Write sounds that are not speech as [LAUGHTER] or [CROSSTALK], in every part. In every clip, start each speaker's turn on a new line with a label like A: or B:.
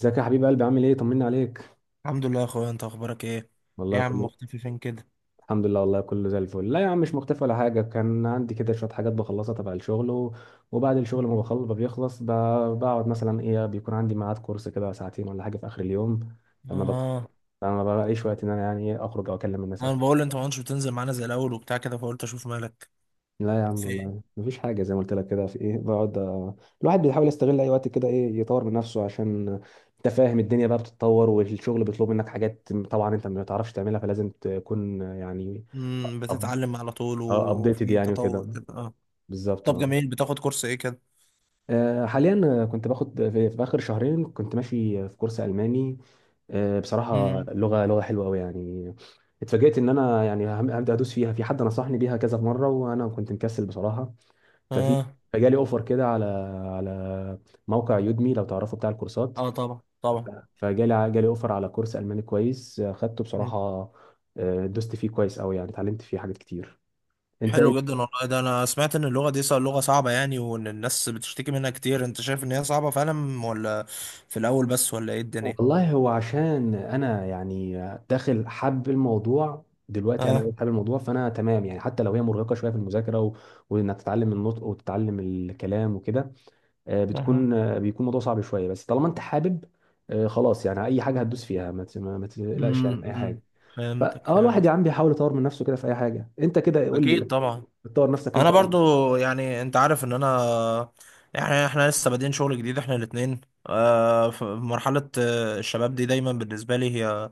A: ازيك يا حبيب قلبي، عامل ايه؟ طمني عليك.
B: الحمد لله يا اخويا، انت اخبارك ايه؟ إيه
A: والله
B: يا عم،
A: كله
B: مختفي فين كده؟
A: الحمد لله، والله كله زي الفل. لا يا عم، مش مختفي ولا حاجه. كان عندي كده شويه حاجات بخلصها تبع الشغل و... وبعد الشغل ما
B: مم.
A: بخلص ما بيخلص ب... بقعد مثلا ايه، بيكون عندي ميعاد كورس كده ساعتين ولا حاجه في اخر اليوم. فما ب...
B: اه،
A: فما بلاقيش وقت ان انا يعني إيه اخرج او اكلم الناس او...
B: انا بقول انت ما كنتش بتنزل معانا زي الاول وبتاع كده، فقلت اشوف مالك.
A: لا يا عم
B: فين؟
A: والله مفيش حاجة، زي ما قلت لك كده في ايه، بقعد. الواحد بيحاول يستغل اي وقت كده ايه، يطور من نفسه عشان انت فاهم، الدنيا بقى بتتطور، والشغل بيطلب منك حاجات طبعا انت ما تعرفش تعملها، فلازم تكون يعني
B: امم، بتتعلم على طول
A: ابديتد
B: وفي
A: يعني وكده.
B: تطور كده، اه.
A: بالظبط
B: طب
A: آه.
B: جميل. بتاخد كورس ايه كده؟
A: حاليا، كنت باخد في اخر شهرين كنت ماشي في كورس الماني. بصراحة
B: امم.
A: لغة حلوة قوي يعني. اتفاجئت ان انا يعني هبدا ادوس فيها. في حد نصحني بيها كذا مره وانا كنت مكسل بصراحه. ففي
B: اه،
A: فجالي اوفر كده على موقع يودمي، لو تعرفه بتاع الكورسات.
B: اه، طبعا،
A: ف-
B: طبعا.
A: فجالي اوفر على كورس الماني كويس، خدته
B: مم.
A: بصراحه. دوست فيه كويس قوي يعني، اتعلمت فيه حاجات كتير. انت ايه؟
B: حلو جدا والله. ده انا سمعت ان اللغة دي لغة صعبة يعني، وان الناس بتشتكي منها كتير. انت شايف ان هي صعبة فعلا، ولا في الاول بس، ولا ايه الدنيا؟
A: والله هو عشان انا يعني داخل حب الموضوع دلوقتي،
B: اه.
A: انا حابب الموضوع فانا تمام يعني. حتى لو هي مرهقه شويه في المذاكره و... وانك تتعلم النطق وتتعلم الكلام وكده، آه،
B: أها.
A: بتكون آه، بيكون الموضوع صعب شويه بس طالما انت حابب، خلاص يعني، اي حاجه هتدوس فيها ما ت- ما ما تقلقش يعني من اي
B: امم.
A: حاجه.
B: فهمتك،
A: فاه الواحد
B: فهمتك.
A: يا عم بيحاول يطور من نفسه كده في اي حاجه. انت كده قول
B: اكيد
A: لي،
B: طبعا.
A: بتطور نفسك
B: انا
A: انت ولا-؟
B: برضو، يعني انت عارف ان انا، يعني احنا لسه بادئين شغل جديد، احنا الاتنين. في مرحلة الشباب دي دايما بالنسبة لي هي، آه،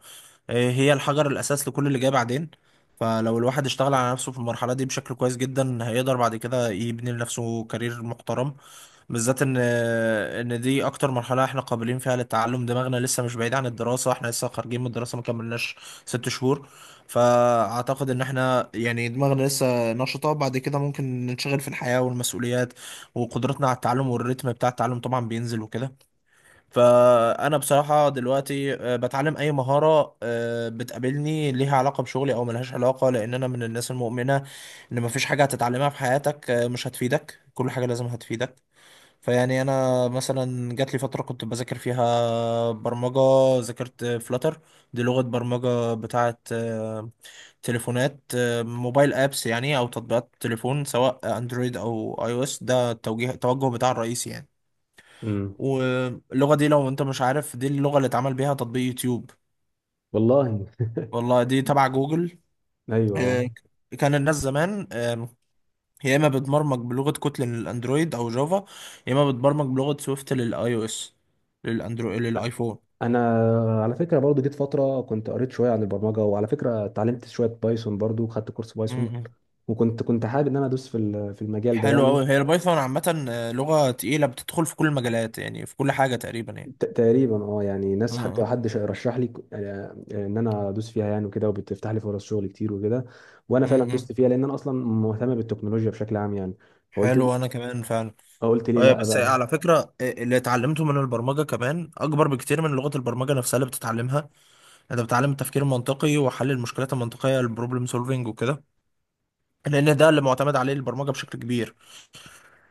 B: هي الحجر الاساس لكل اللي جاي بعدين. فلو الواحد اشتغل على نفسه في المرحلة دي بشكل كويس جدا، هيقدر بعد كده يبني لنفسه كارير محترم. بالذات ان دي اكتر مرحله احنا قابلين فيها للتعلم. دماغنا لسه مش بعيد عن الدراسه، احنا لسه خارجين من الدراسه، ما كملناش 6 شهور. فاعتقد ان احنا يعني دماغنا لسه نشطه. بعد كده ممكن ننشغل في الحياه والمسؤوليات، وقدرتنا على التعلم والريتم بتاع التعلم طبعا بينزل وكده. فانا بصراحه دلوقتي بتعلم اي مهاره بتقابلني، ليها علاقه بشغلي او ملهاش علاقه، لان انا من الناس المؤمنه ان مفيش حاجه هتتعلمها في حياتك مش هتفيدك، كل حاجه لازم هتفيدك. فيعني انا مثلا جات لي فتره كنت بذاكر فيها برمجه. ذاكرت فلاتر. دي لغه برمجه بتاعه تليفونات، موبايل ابس يعني، او تطبيقات تليفون، سواء اندرويد او اي او اس. ده التوجه بتاع الرئيسي يعني.
A: امم،
B: واللغه دي، لو انت مش عارف، دي اللغه اللي اتعمل بيها تطبيق يوتيوب.
A: والله
B: والله دي تبع جوجل.
A: ايوه.
B: آه، كان الناس زمان يا اما بتبرمج بلغه كوتلين للاندرويد او جافا، يا اما بتبرمج بلغه سويفت للاي او اس، للاندرويد، للايفون.
A: انا على فكره برضو جيت فتره كنت قريت شويه عن البرمجه، وعلى فكره اتعلمت شويه بايثون، برضو خدت كورس بايثون.
B: مم.
A: وكنت حابب ان انا ادوس في المجال ده
B: حلو
A: يعني.
B: قوي. هي البايثون عامه لغه تقيله، بتدخل في كل المجالات، يعني في كل حاجه تقريبا يعني.
A: تقريبا، اه يعني، ناس حتى،
B: مم.
A: حد رشح لي ان انا ادوس فيها يعني وكده، وبتفتح لي فرص شغل كتير وكده. وانا فعلا
B: مم.
A: دوست
B: مم.
A: فيها، لان انا اصلا مهتم بالتكنولوجيا بشكل عام يعني. فقلت
B: حلو، انا كمان فعلا.
A: قلت ليه لا
B: بس
A: بقى.
B: على فكره اللي اتعلمته من البرمجه كمان اكبر بكتير من لغه البرمجه نفسها اللي بتتعلمها. انت بتتعلم التفكير المنطقي وحل المشكلات المنطقيه، البروبلم سولفينج وكده، لان ده اللي معتمد عليه البرمجه بشكل كبير.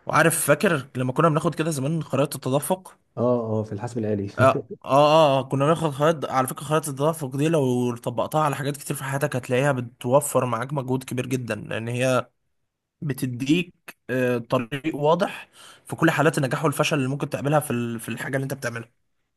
B: وعارف، فاكر لما كنا بناخد كده زمان خرائط التدفق؟
A: اه اه، في الحاسب الآلي
B: آه,
A: [LAUGHS]
B: اه اه آه، كنا بناخد خرائط. على فكرة، خرائط التدفق دي لو طبقتها على حاجات كتير في حياتك هتلاقيها بتوفر معاك مجهود كبير جدا، لان هي بتديك طريق واضح في كل حالات النجاح والفشل اللي ممكن تقابلها في الحاجة اللي انت بتعملها.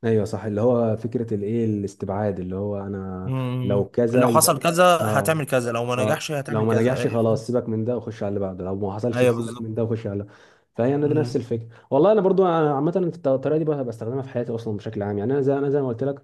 A: ايوه صح، اللي هو فكره الايه، الاستبعاد، اللي هو انا لو
B: مم.
A: كذا
B: لو حصل
A: يبقى...
B: كذا
A: اه
B: هتعمل كذا، لو ما
A: اه،
B: نجحش
A: لو
B: هتعمل
A: ما
B: كذا،
A: نجحش خلاص
B: فاهم؟
A: سيبك من ده وخش على اللي بعده، لو ما حصلش
B: ايوه،
A: سيبك من
B: بالظبط.
A: ده وخش على اللي... فهي انا دي نفس
B: مم.
A: الفكره. والله انا برضو عامه في الطريقه دي بقى بستخدمها في حياتي اصلا بشكل عام يعني. انا زي ما قلت لك،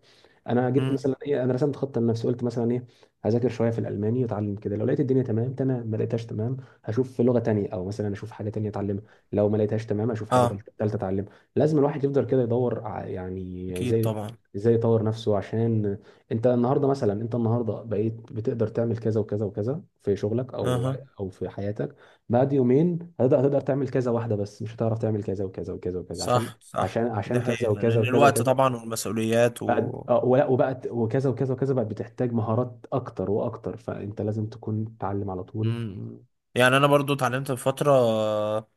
A: انا جيت
B: مم.
A: مثلا ايه، انا رسمت خطه لنفسي، قلت مثلا ايه: هذاكر شويه في الالماني واتعلم كده، لو لقيت الدنيا تمام تمام، ما لقيتهاش تمام هشوف في لغه تانية، او مثلا اشوف حاجه تانية اتعلمها. لو ما لقيتهاش تمام اشوف حاجه
B: اه،
A: تالتة اتعلمها. لازم الواحد يفضل كده يدور يعني
B: اكيد
A: ازاي
B: طبعا.
A: يطور نفسه. عشان انت النهارده مثلا، انت النهارده بقيت بتقدر تعمل كذا وكذا وكذا في شغلك، او
B: اها.
A: او في حياتك. بعد يومين هتقدر تعمل كذا واحده بس، مش هتعرف تعمل كذا وكذا وكذا وكذا عشان
B: صح، صح،
A: عشان
B: دي
A: عشان
B: حقيقة،
A: كذا وكذا
B: لأن
A: وكذا
B: الوقت
A: وكذا.
B: طبعا والمسؤوليات
A: بعد
B: و...
A: اه ولا وبقت وكذا وكذا وكذا، بقت بتحتاج مهارات اكتر واكتر، فانت لازم تكون تتعلم على طول.
B: مم. يعني أنا برضو اتعلمت في فترة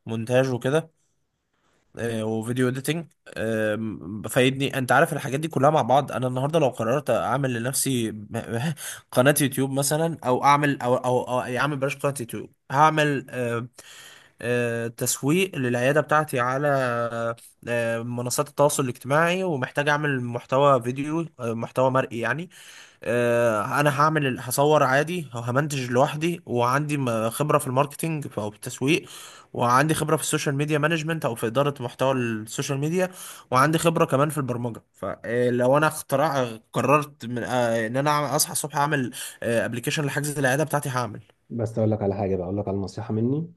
B: مونتاج وكده، وفيديو اديتنج. فايدني. أنت عارف الحاجات دي كلها مع بعض. أنا النهاردة لو قررت أعمل لنفسي [LAUGHS] قناة يوتيوب مثلا، أو أعمل، أو يعني أعمل، بلاش قناة يوتيوب، هعمل تسويق للعيادة بتاعتي على منصات التواصل الاجتماعي، ومحتاج أعمل محتوى فيديو، محتوى مرئي يعني. انا هصور عادي، وهمنتج لوحدي، وعندي خبره في الماركتينج، او في التسويق. وعندي خبره في السوشيال ميديا مانجمنت، او في اداره محتوى السوشيال ميديا. وعندي خبره كمان في البرمجه. فلو انا قررت من ان انا اصحى الصبح اعمل ابلكيشن لحجز العياده بتاعتي، هعمل.
A: بس اقول لك على حاجه بقى، اقول لك على نصيحه مني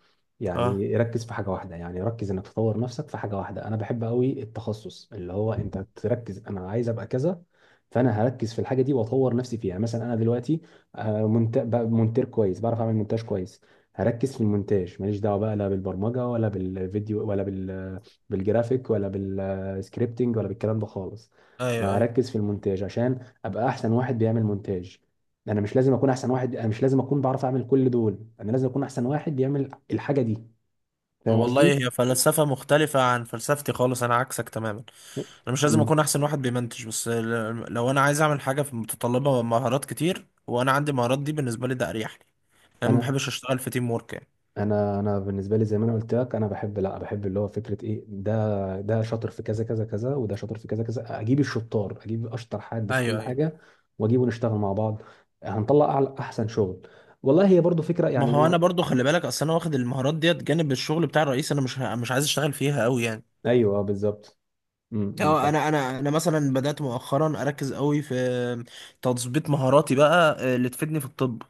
B: اه،
A: يعني. ركز في حاجه واحده، يعني ركز انك تطور نفسك في حاجه واحده. انا بحب قوي التخصص، اللي هو انت تركز. انا عايز ابقى كذا، فانا هركز في الحاجه دي واطور نفسي فيها يعني. مثلا انا دلوقتي بقى مونتير كويس، بعرف اعمل مونتاج كويس. هركز في المونتاج، ماليش دعوه بقى لا بالبرمجه ولا بالفيديو ولا بال بالجرافيك ولا بالسكريبتنج ولا بالكلام ده خالص.
B: ايوه،
A: انا
B: ايوه.
A: هركز في المونتاج عشان ابقى احسن واحد بيعمل مونتاج. انا مش لازم اكون احسن واحد، انا مش لازم اكون بعرف اعمل كل دول، انا لازم اكون احسن واحد بيعمل الحاجه دي. فاهم
B: والله
A: قصدي؟
B: هي فلسفه مختلفه عن فلسفتي خالص، انا عكسك تماما. انا مش لازم
A: امم.
B: اكون احسن واحد بيمنتج، بس لو انا عايز اعمل حاجه في، متطلبه مهارات كتير، وانا عندي مهارات دي، بالنسبه لي ده اريح لي. انا ما
A: انا
B: بحبش اشتغل في تيم ورك، يعني.
A: انا بالنسبه لي زي ما انا قلت لك، انا بحب، لا، بحب اللي هو فكره ايه، ده ده شاطر في كذا كذا كذا، وده شاطر في كذا كذا، اجيب الشطار، اشطر حد في
B: ايوه،
A: كل
B: ايوه.
A: حاجه، واجيبه نشتغل مع بعض، هنطلع اعلى احسن شغل. والله هي برضو فكره
B: ما
A: يعني
B: هو انا برضو، خلي بالك، اصل انا واخد المهارات ديت جانب الشغل بتاع الرئيس. انا مش عايز اشتغل فيها قوي، يعني.
A: ايوه، بالظبط. امم، أمم،
B: اه،
A: صح.
B: انا مثلا بدات مؤخرا اركز قوي في تظبيط مهاراتي بقى، اللي تفيدني في الطب،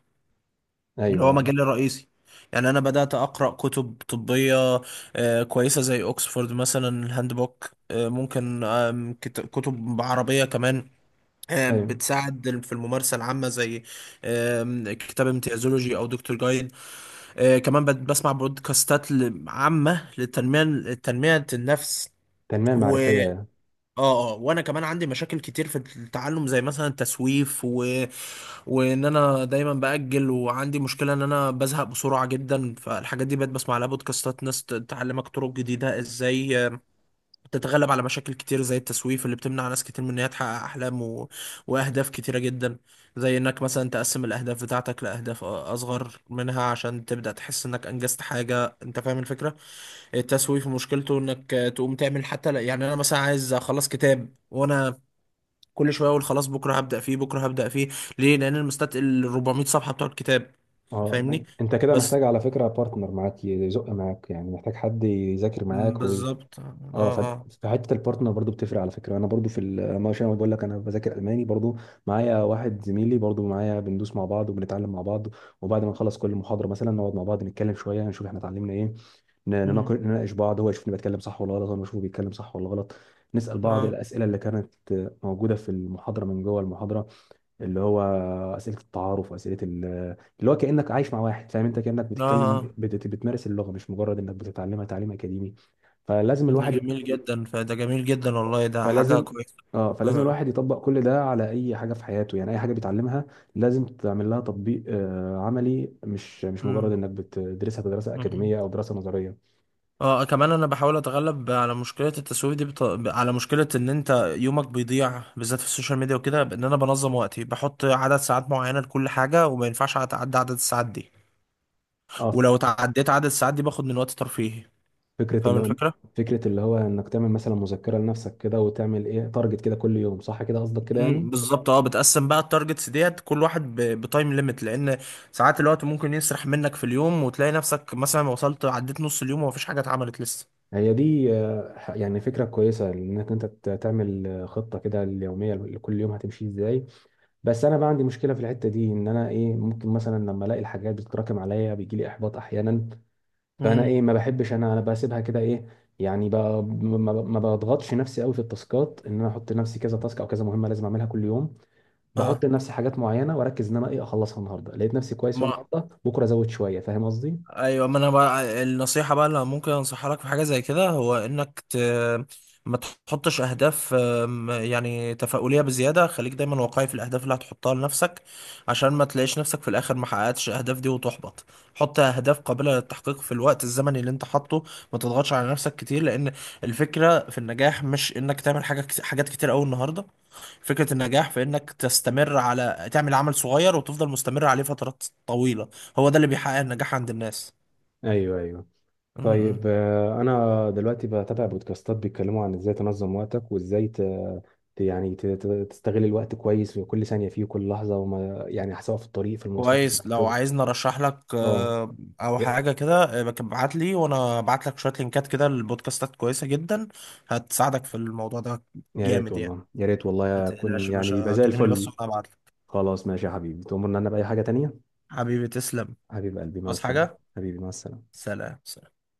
B: اللي هو
A: ايوه
B: مجالي الرئيسي. يعني انا بدات اقرا كتب طبيه كويسه، زي اوكسفورد مثلا، الهاند بوك. ممكن كتب عربيه كمان،
A: ايوه.
B: بتساعد في الممارسه العامه، زي كتاب امتيازولوجي او دكتور جايد. كمان بسمع بودكاستات، عامه، لتنميه النفس.
A: تنميه
B: و
A: معرفيه.
B: اه، اه، وانا كمان عندي مشاكل كتير في التعلم، زي مثلا التسويف، وان انا دايما باجل، وعندي مشكله ان انا بزهق بسرعه جدا. فالحاجات دي بقيت بسمع لها بودكاستات، ناس تعلمك طرق جديده ازاي تتغلب على مشاكل كتير زي التسويف، اللي بتمنع ناس كتير من ان هي تحقق احلام و... واهداف كتيره جدا. زي انك مثلا تقسم الاهداف بتاعتك لاهداف اصغر منها، عشان تبدا تحس انك انجزت حاجه. انت فاهم الفكره؟ التسويف مشكلته انك تقوم تعمل حتى يعني انا مثلا عايز اخلص كتاب، وانا كل شويه اقول خلاص بكره هبدا فيه، بكره هبدا فيه. ليه؟ لان المستت ال 400 صفحه بتوع الكتاب.
A: اه،
B: فاهمني.
A: انت كده
B: بس
A: محتاج على فكره بارتنر معاك يزق معاك، يعني محتاج حد يذاكر معاك
B: بالظبط، اه.
A: اه
B: اه.
A: فحته البارتنر برضو بتفرق على فكره. انا برضو في ال- ما عشان أنا بقول لك، انا بذاكر الماني برضو معايا واحد زميلي برضو معايا. بندوس مع بعض وبنتعلم مع بعض، وبعد ما نخلص كل محاضره مثلا نقعد مع بعض نتكلم شويه نشوف احنا اتعلمنا ايه. ن-
B: مم.
A: نناقش نناقش بعض، هو يشوفني بتكلم صح ولا غلط، وانا بشوفه بيتكلم صح ولا غلط. نسال بعض
B: اه،
A: الاسئله اللي كانت موجوده في المحاضره، من جوه المحاضره، اللي هو اسئله التعارف واسئله اللي هو كانك عايش مع واحد، فاهم؟ انت كانك
B: اه.
A: بتتكلم،
B: آه.
A: بتمارس اللغه، مش مجرد انك بتتعلمها تعليم اكاديمي. فلازم
B: ده
A: الواحد يط-
B: جميل جدا، فده جميل جدا، والله ده حاجه
A: فلازم،
B: كويسه.
A: اه فلازم
B: اه.
A: الواحد يطبق كل ده على اي حاجه في حياته، يعني اي حاجه بيتعلمها لازم تعمل لها تطبيق عملي، مش مجرد
B: مم.
A: انك بتدرسها دراسه
B: مم.
A: اكاديميه او دراسه نظريه.
B: اه. آه. كمان انا بحاول اتغلب على مشكله التسويف دي، بط... على مشكله ان انت يومك بيضيع بالذات في السوشيال ميديا وكده، بان انا بنظم وقتي، بحط عدد ساعات معينه لكل حاجه، وما ينفعش اتعدى عدد الساعات دي.
A: اه،
B: ولو تعديت عدد الساعات دي، باخد من وقت ترفيهي.
A: فكره
B: فاهم
A: اللي هو
B: الفكره؟
A: فكره اللي هو انك تعمل مثلا مذكره لنفسك كده، وتعمل ايه تارجت كده كل يوم، صح كده، قصدك كده يعني؟
B: امم، بالظبط، اه. بتقسم بقى التارجتس ديت، كل واحد بتايم ليميت، لان ساعات الوقت ممكن يسرح منك في اليوم، وتلاقي نفسك مثلا وصلت عديت نص اليوم ومفيش حاجه اتعملت لسه.
A: هي دي يعني فكرة كويسة، انك انت تعمل خطة كده اليومية، لكل يوم هتمشي ازاي. بس انا بقى عندي مشكلة في الحتة دي، ان انا ايه، ممكن مثلا لما الاقي الحاجات بتتراكم عليا بيجي لي احباط احيانا. فانا
B: امم،
A: ايه، ما بحبش، انا بسيبها كده ايه. يعني ب- ما ما- ما بضغطش نفسي قوي في التاسكات، ان انا احط لنفسي كذا تاسك او كذا مهمة لازم اعملها كل يوم.
B: اه.
A: بحط لنفسي حاجات معينة، واركز ان انا ايه اخلصها النهاردة، لقيت نفسي كويس فيها
B: ما،
A: النهاردة، بكرة ازود شوية. فاهم قصدي؟
B: ايوه، ما انا بقى النصيحه بقى اللي ممكن انصحها لك في حاجه زي كده، هو انك ت... ما تحطش اهداف يعني تفاؤليه بزياده. خليك دايما واقعي في الاهداف اللي هتحطها لنفسك، عشان ما تلاقيش نفسك في الاخر ما حققتش الاهداف دي وتحبط. حط اهداف قابله للتحقيق في الوقت الزمني اللي انت حاطه. ما تضغطش على نفسك كتير، لان الفكره في النجاح مش انك تعمل حاجات كتير قوي النهارده. فكره النجاح في انك تستمر، على تعمل عمل صغير وتفضل مستمر عليه فترات طويله. هو ده اللي بيحقق النجاح عند الناس.
A: ايوه، ايوه.
B: م- م.
A: طيب، انا دلوقتي بتابع بودكاستات بيتكلموا عن ازاي تنظم وقتك وازاي تستغل الوقت كويس في كل ثانية فيه وكل لحظة، وما يعني، سواء في الطريق، في المواصلات، وفي
B: كويس. لو
A: الشغل.
B: عايزني ارشح لك
A: اه.
B: او
A: يا
B: حاجه كده، ابعت لي وانا ابعت لك شويه لينكات كده لبودكاستات كويسه جدا، هتساعدك في الموضوع ده.
A: يا ريت
B: جامد يعني.
A: والله، يا ريت
B: ما
A: والله
B: تقلقش
A: اكون
B: يا
A: يعني يبقى
B: باشا،
A: زي
B: كلمني بس
A: الفل.
B: وانا ابعت لك.
A: خلاص ماشي يا حبيبي، تؤمرني انا بأي حاجة تانية.
B: حبيبي، تسلم.
A: حبيب قلبي مع
B: بس
A: السلامة.
B: حاجه.
A: حبيبي مع السلامة.
B: سلام، سلام.